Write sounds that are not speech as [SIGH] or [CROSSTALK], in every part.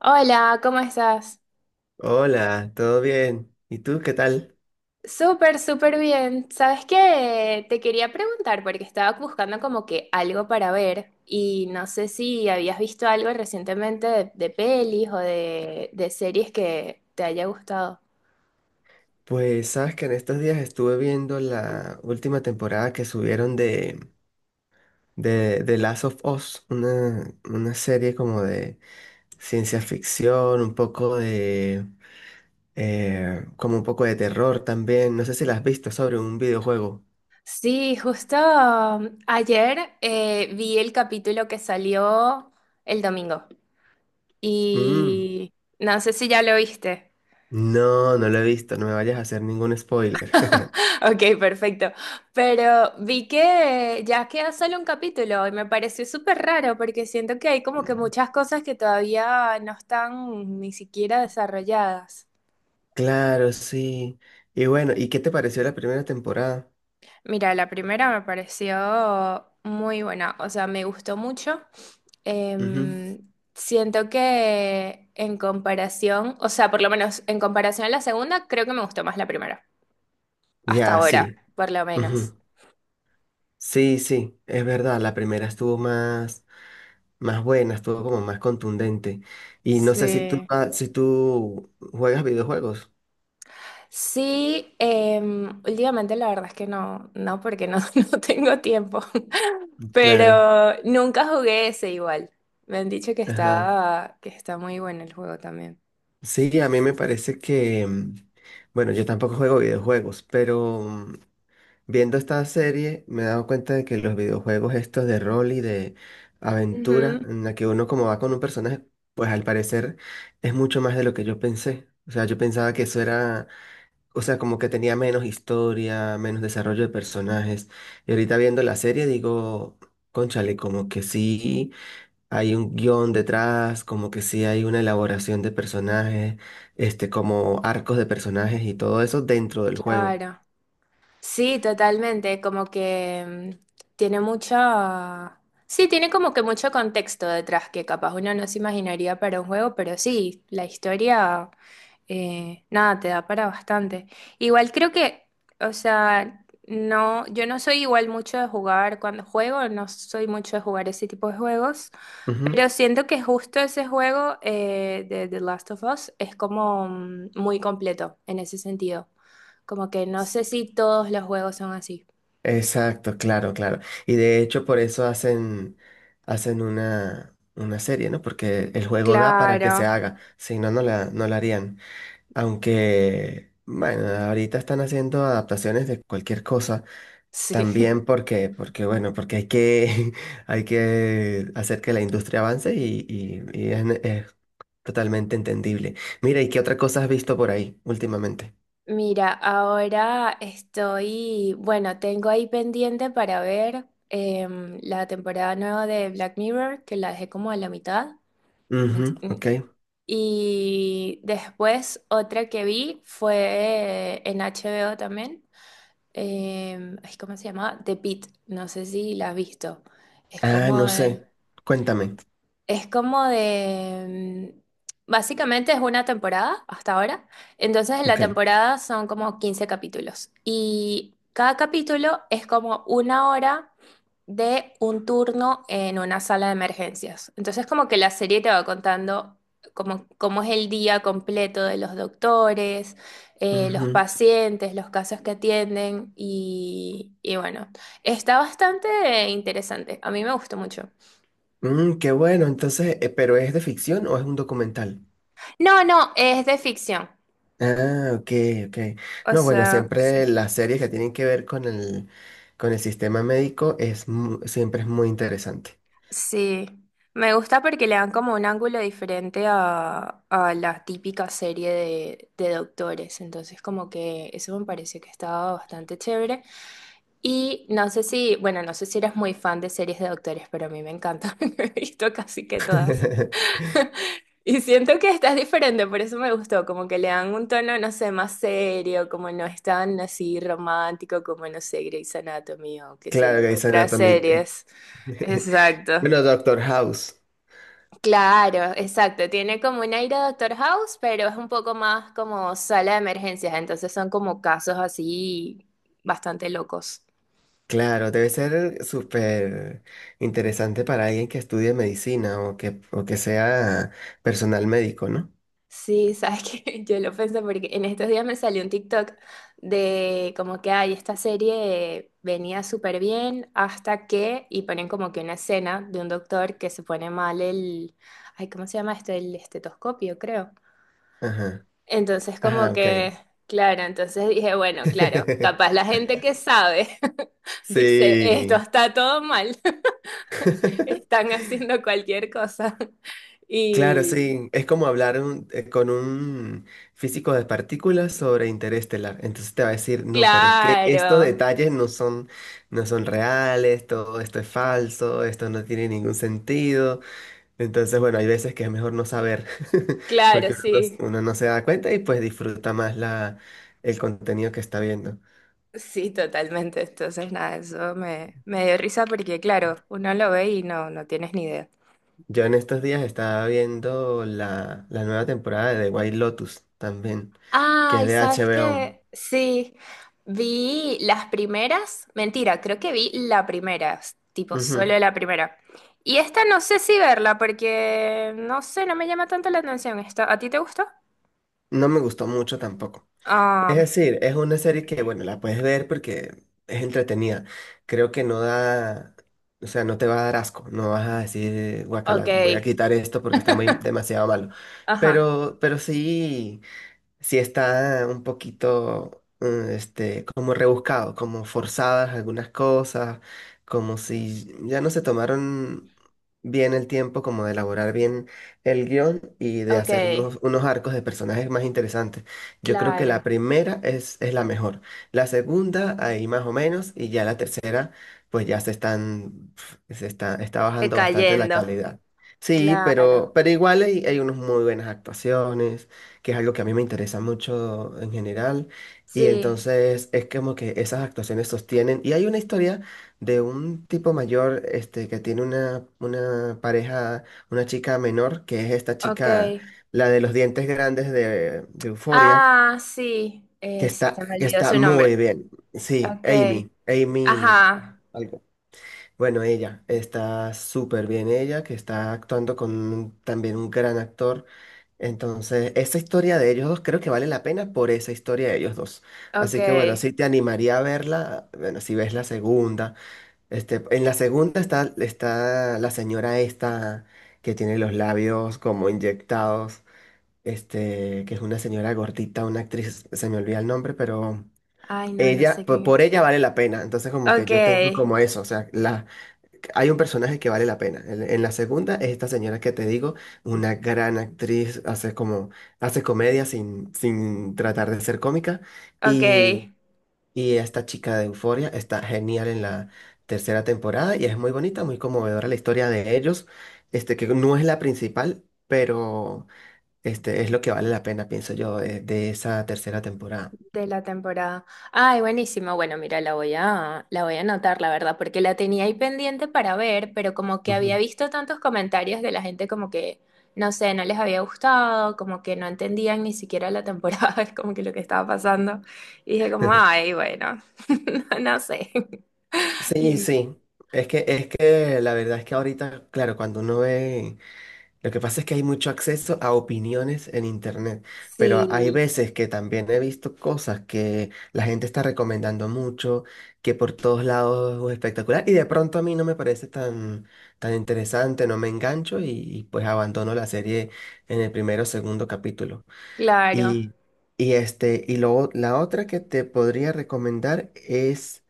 Hola, ¿cómo estás? Hola, ¿todo bien? ¿Y tú qué tal? Súper, súper bien. ¿Sabes qué? Te quería preguntar porque estaba buscando como que algo para ver y no sé si habías visto algo recientemente de pelis o de series que te haya gustado. Pues sabes que en estos días estuve viendo la última temporada que subieron de Last of Us, una serie como de ciencia ficción, un poco de como un poco de terror también. No sé si la has visto sobre un videojuego. Sí, justo ayer vi el capítulo que salió el domingo Mm, y no sé si ya lo viste. no lo he visto, no me vayas a hacer ningún spoiler. [LAUGHS] Ok, perfecto. Pero vi que ya queda solo un capítulo y me pareció súper raro porque siento que hay como que muchas cosas que todavía no están ni siquiera desarrolladas. Claro, sí. Y bueno, ¿y qué te pareció la primera temporada? Mira, la primera me pareció muy buena, o sea, me gustó mucho. Ujú. Em, Siento que en comparación, o sea, por lo menos en comparación a la segunda, creo que me gustó más la primera, hasta Ya, ahora, sí. por lo menos. Ujú. Sí, sí, es verdad, la primera estuvo más buena, estuvo como más contundente. Y no sé si tú, Sí. ah, si tú juegas videojuegos. Sí, últimamente la verdad es que no, no, porque no, [LAUGHS] no tengo tiempo, [LAUGHS] Claro. pero nunca jugué ese igual. Me han dicho Ajá. Que está muy bueno el juego también. Sí, a mí me parece que, bueno, yo tampoco juego videojuegos, pero viendo esta serie me he dado cuenta de que los videojuegos estos de rol y de aventura, Ujú, en la que uno como va con un personaje, pues al parecer es mucho más de lo que yo pensé. O sea, yo pensaba que eso era. O sea, como que tenía menos historia, menos desarrollo de personajes. Y ahorita viendo la serie digo, cónchale, como que sí hay un guión detrás, como que sí hay una elaboración de personajes, como arcos de personajes y todo eso dentro del juego. claro. Sí, totalmente, como que tiene mucha... Sí, tiene como que mucho contexto detrás que capaz uno no se imaginaría para un juego, pero sí, la historia... nada, te da para bastante. Igual creo que, o sea, no, yo no soy igual mucho de jugar cuando juego, no soy mucho de jugar ese tipo de juegos, Ujú. pero siento que justo ese juego de The Last of Us es como muy completo en ese sentido. Como que no sé si todos los juegos son así. Exacto, claro, claro. Y de hecho por eso hacen una serie, ¿no? Porque el juego da para que se Claro, haga, si no, no la harían. Aunque, bueno, ahorita están haciendo adaptaciones de cualquier cosa. sí. [LAUGHS] También porque bueno, porque hay que, [LAUGHS] hay que hacer que la industria avance y es totalmente entendible. Mira, ¿y qué otra cosa has visto por ahí últimamente? Mira, ahora estoy, bueno, tengo ahí pendiente para ver la temporada nueva de Black Mirror, que la dejé como a la mitad. Menti- Ujú, ok. mm. Y después otra que vi fue en HBO también. Ay, ¿cómo se llama? The Pitt, no sé si la has visto. Es Ah, como no de- sé. Cuéntame. es como de... Básicamente es una temporada hasta ahora. Entonces en la Ok. temporada son como 15 capítulos. Y cada capítulo es como una hora de un turno en una sala de emergencias. Entonces como que la serie te va contando cómo, cómo es el día completo de los doctores, los Ujú. pacientes, los casos que atienden. Y bueno, está bastante interesante. A mí me gustó mucho. Mm, qué bueno, entonces, ¿pero es de ficción o es un documental? No, no, es de ficción. Ah, ok, ok. O No, bueno, sea, sí. siempre las series que tienen que ver con el sistema médico es mu- siempre es muy interesante. Sí. Me gusta porque le dan como un ángulo diferente a la típica serie de doctores. Entonces, como que eso me pareció que estaba bastante chévere. Y no sé si, bueno, no sé si eres muy fan de series de doctores, pero a mí me encanta. [LAUGHS] He visto casi que todas. [LAUGHS] Y siento que estás diferente, por eso me gustó. Como que le dan un tono, no sé, más serio, como no es tan así romántico como, no sé, Grey's Anatomy o qué sé Claro, yo, Grey's otras Anatomy. series. [LAUGHS] Exacto. Bueno, Doctor House. Claro, exacto. Tiene como un aire de Doctor House, pero es un poco más como sala de emergencias. Entonces son como casos así bastante locos. Claro, debe ser súper interesante para alguien que estudie medicina o que sea personal médico, ¿no? Sí, sabes que [LAUGHS] yo lo pensé porque en estos días me salió un TikTok de como que, ay, esta serie venía súper bien hasta que, y ponen como que una escena de un doctor que se pone mal el, ay, ¿cómo se llama esto? El estetoscopio, creo. Ajá. Entonces, Ajá, como ok. que, claro, entonces dije, bueno, claro, capaz la [LAUGHS] gente que sabe [LAUGHS] dice, esto Sí. está todo mal, [LAUGHS] [LAUGHS] están haciendo cualquier cosa. Claro, Y sí, es como hablar con un físico de partículas sobre interestelar. Entonces te va a decir, no, pero es que estos claro, detalles no son reales, todo esto es falso, esto no tiene ningún sentido. Entonces, bueno, hay veces que es mejor no saber, [LAUGHS] claro, porque uno, sí, uno no se da cuenta y pues disfruta más el contenido que está viendo. sí, totalmente. Entonces, nada, eso me, me dio risa porque, claro, uno lo ve y no, no tienes ni idea. Yo en estos días estaba viendo la nueva temporada de The White Lotus también, que es Ay, de ¿sabes HBO. qué? Sí, vi las primeras, mentira, creo que vi la primera, tipo Ujú. solo la primera. Y esta no sé si verla porque no sé, no me llama tanto la atención esta. ¿A ti te gustó? No me gustó mucho tampoco. Es Ah, decir, es una serie que, bueno, la puedes ver porque es entretenida. Creo que no da, o sea, no te va a dar asco. No vas a decir, ok. guacala, voy a quitar esto porque está muy, [LAUGHS] demasiado malo. Ajá, Pero sí está un poquito, como rebuscado, como forzadas algunas cosas, como si ya no se tomaron bien el tiempo como de elaborar bien el guión y de ok, hacer unos arcos de personajes más interesantes. Yo creo que la claro. primera es la mejor, la segunda ahí más o menos y ya la tercera pues ya se están, pf, se está, está bajando bastante la Decayendo, calidad. Sí, claro. pero igual hay unas muy buenas actuaciones que es algo que a mí me interesa mucho en general. Y Sí, entonces es como que esas actuaciones sostienen. Y hay una historia de un tipo mayor, que tiene una pareja, una chica menor, que es esta ok. chica, la de los dientes grandes de Euphoria, Ah, sí, que sí, se me que olvidó está su nombre. muy bien. Sí, Ok, Amy, Amy. ajá, Algo. Bueno, ella está súper bien, ella que está actuando con también un gran actor. Entonces, esa historia de ellos dos creo que vale la pena por esa historia de ellos dos. ok. Así que bueno, sí te animaría a verla, bueno, si ves la segunda. Este, en la segunda está la señora esta que tiene los labios como inyectados, que es una señora gordita, una actriz, se me olvida el nombre, pero Ay, no, no sé quién es. ella vale la pena. Entonces, como que Ok, yo tengo como eso, o sea, las hay un personaje que vale la pena. En la segunda es esta señora que te digo, una gran actriz, hace comedia sin tratar de ser cómica. ok, Y, y esta chica de Euforia está genial en la tercera temporada y es muy bonita, muy conmovedora la historia de ellos, que no es la principal, pero es lo que vale la pena, pienso yo, de esa tercera temporada. de la temporada. Ay, buenísimo. Bueno, mira, la voy a anotar, la verdad, porque la tenía ahí pendiente para ver, pero como que había Ujú. visto tantos comentarios de la gente como que, no sé, no les había gustado, como que no entendían ni siquiera la temporada, [LAUGHS] es como que lo que estaba pasando. Y dije como, [LAUGHS] ay, bueno, [LAUGHS] no, no sé. [LAUGHS] Sí, Y- sí. Es que la verdad es que ahorita, claro, cuando uno ve. Lo que pasa es que hay mucho acceso a opiniones en internet, pero hay Sí, veces que también he visto cosas que la gente está recomendando mucho, que por todos lados es espectacular, y de pronto a mí no me parece tan, tan interesante, no me engancho y pues abandono la serie en el primero o segundo capítulo. claro. Y, y luego la otra que te podría recomendar es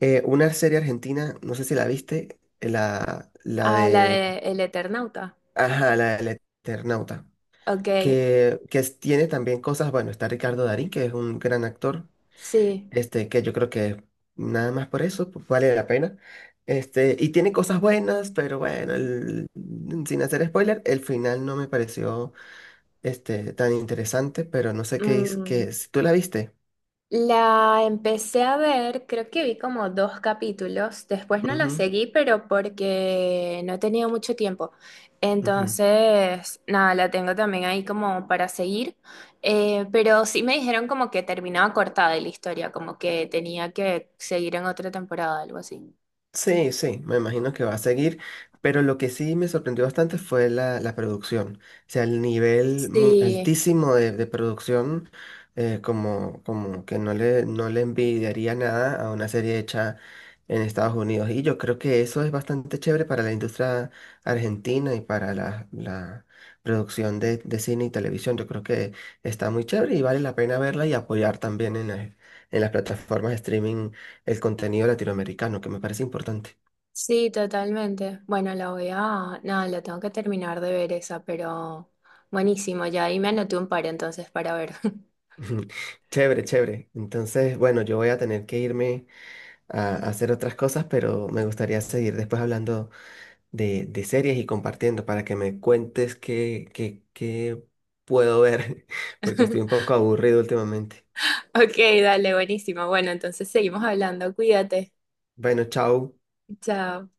una serie argentina, no sé si la viste, la A la de... de El Eternauta. Ajá, la del Eternauta Ok, que tiene también cosas, bueno, está Ricardo Darín, que es un gran actor, sí. Que yo creo que nada más por eso pues, vale la pena. Y tiene cosas buenas, pero bueno, sin hacer spoiler, el final no me pareció tan interesante, pero no sé qué es, Mm, que si tú la viste. la empecé a ver, creo que vi como dos capítulos, después no la Ujú, seguí, pero porque no he tenido mucho tiempo. ujú. Entonces, nada, la tengo también ahí como para seguir, eh, pero sí me dijeron como que terminaba cortada la historia, como que tenía que seguir en otra temporada, algo así. Sí, sí, me imagino que va a seguir, pero lo que sí me sorprendió bastante fue la producción, o sea, el nivel Sí, altísimo de producción, como que no no le envidiaría nada a una serie hecha en Estados Unidos. Y yo creo que eso es bastante chévere para la industria argentina y para la producción de cine y televisión. Yo creo que está muy chévere y vale la pena verla y apoyar también en, en las plataformas de streaming el contenido latinoamericano, que me parece importante. sí, totalmente. Bueno, la voy a, nada, la tengo que terminar de ver esa, pero buenísimo, ya ahí me anoté un par entonces para ver. [LAUGHS] Chévere, chévere. Entonces, bueno, yo voy a tener que irme a hacer otras cosas, pero me gustaría seguir después hablando de series y compartiendo para que me cuentes qué puedo ver, [LAUGHS] porque estoy un [LAUGHS] poco aburrido últimamente. Ok, dale, buenísimo. Bueno, entonces seguimos hablando. Cuídate. Bueno, chao. Chao.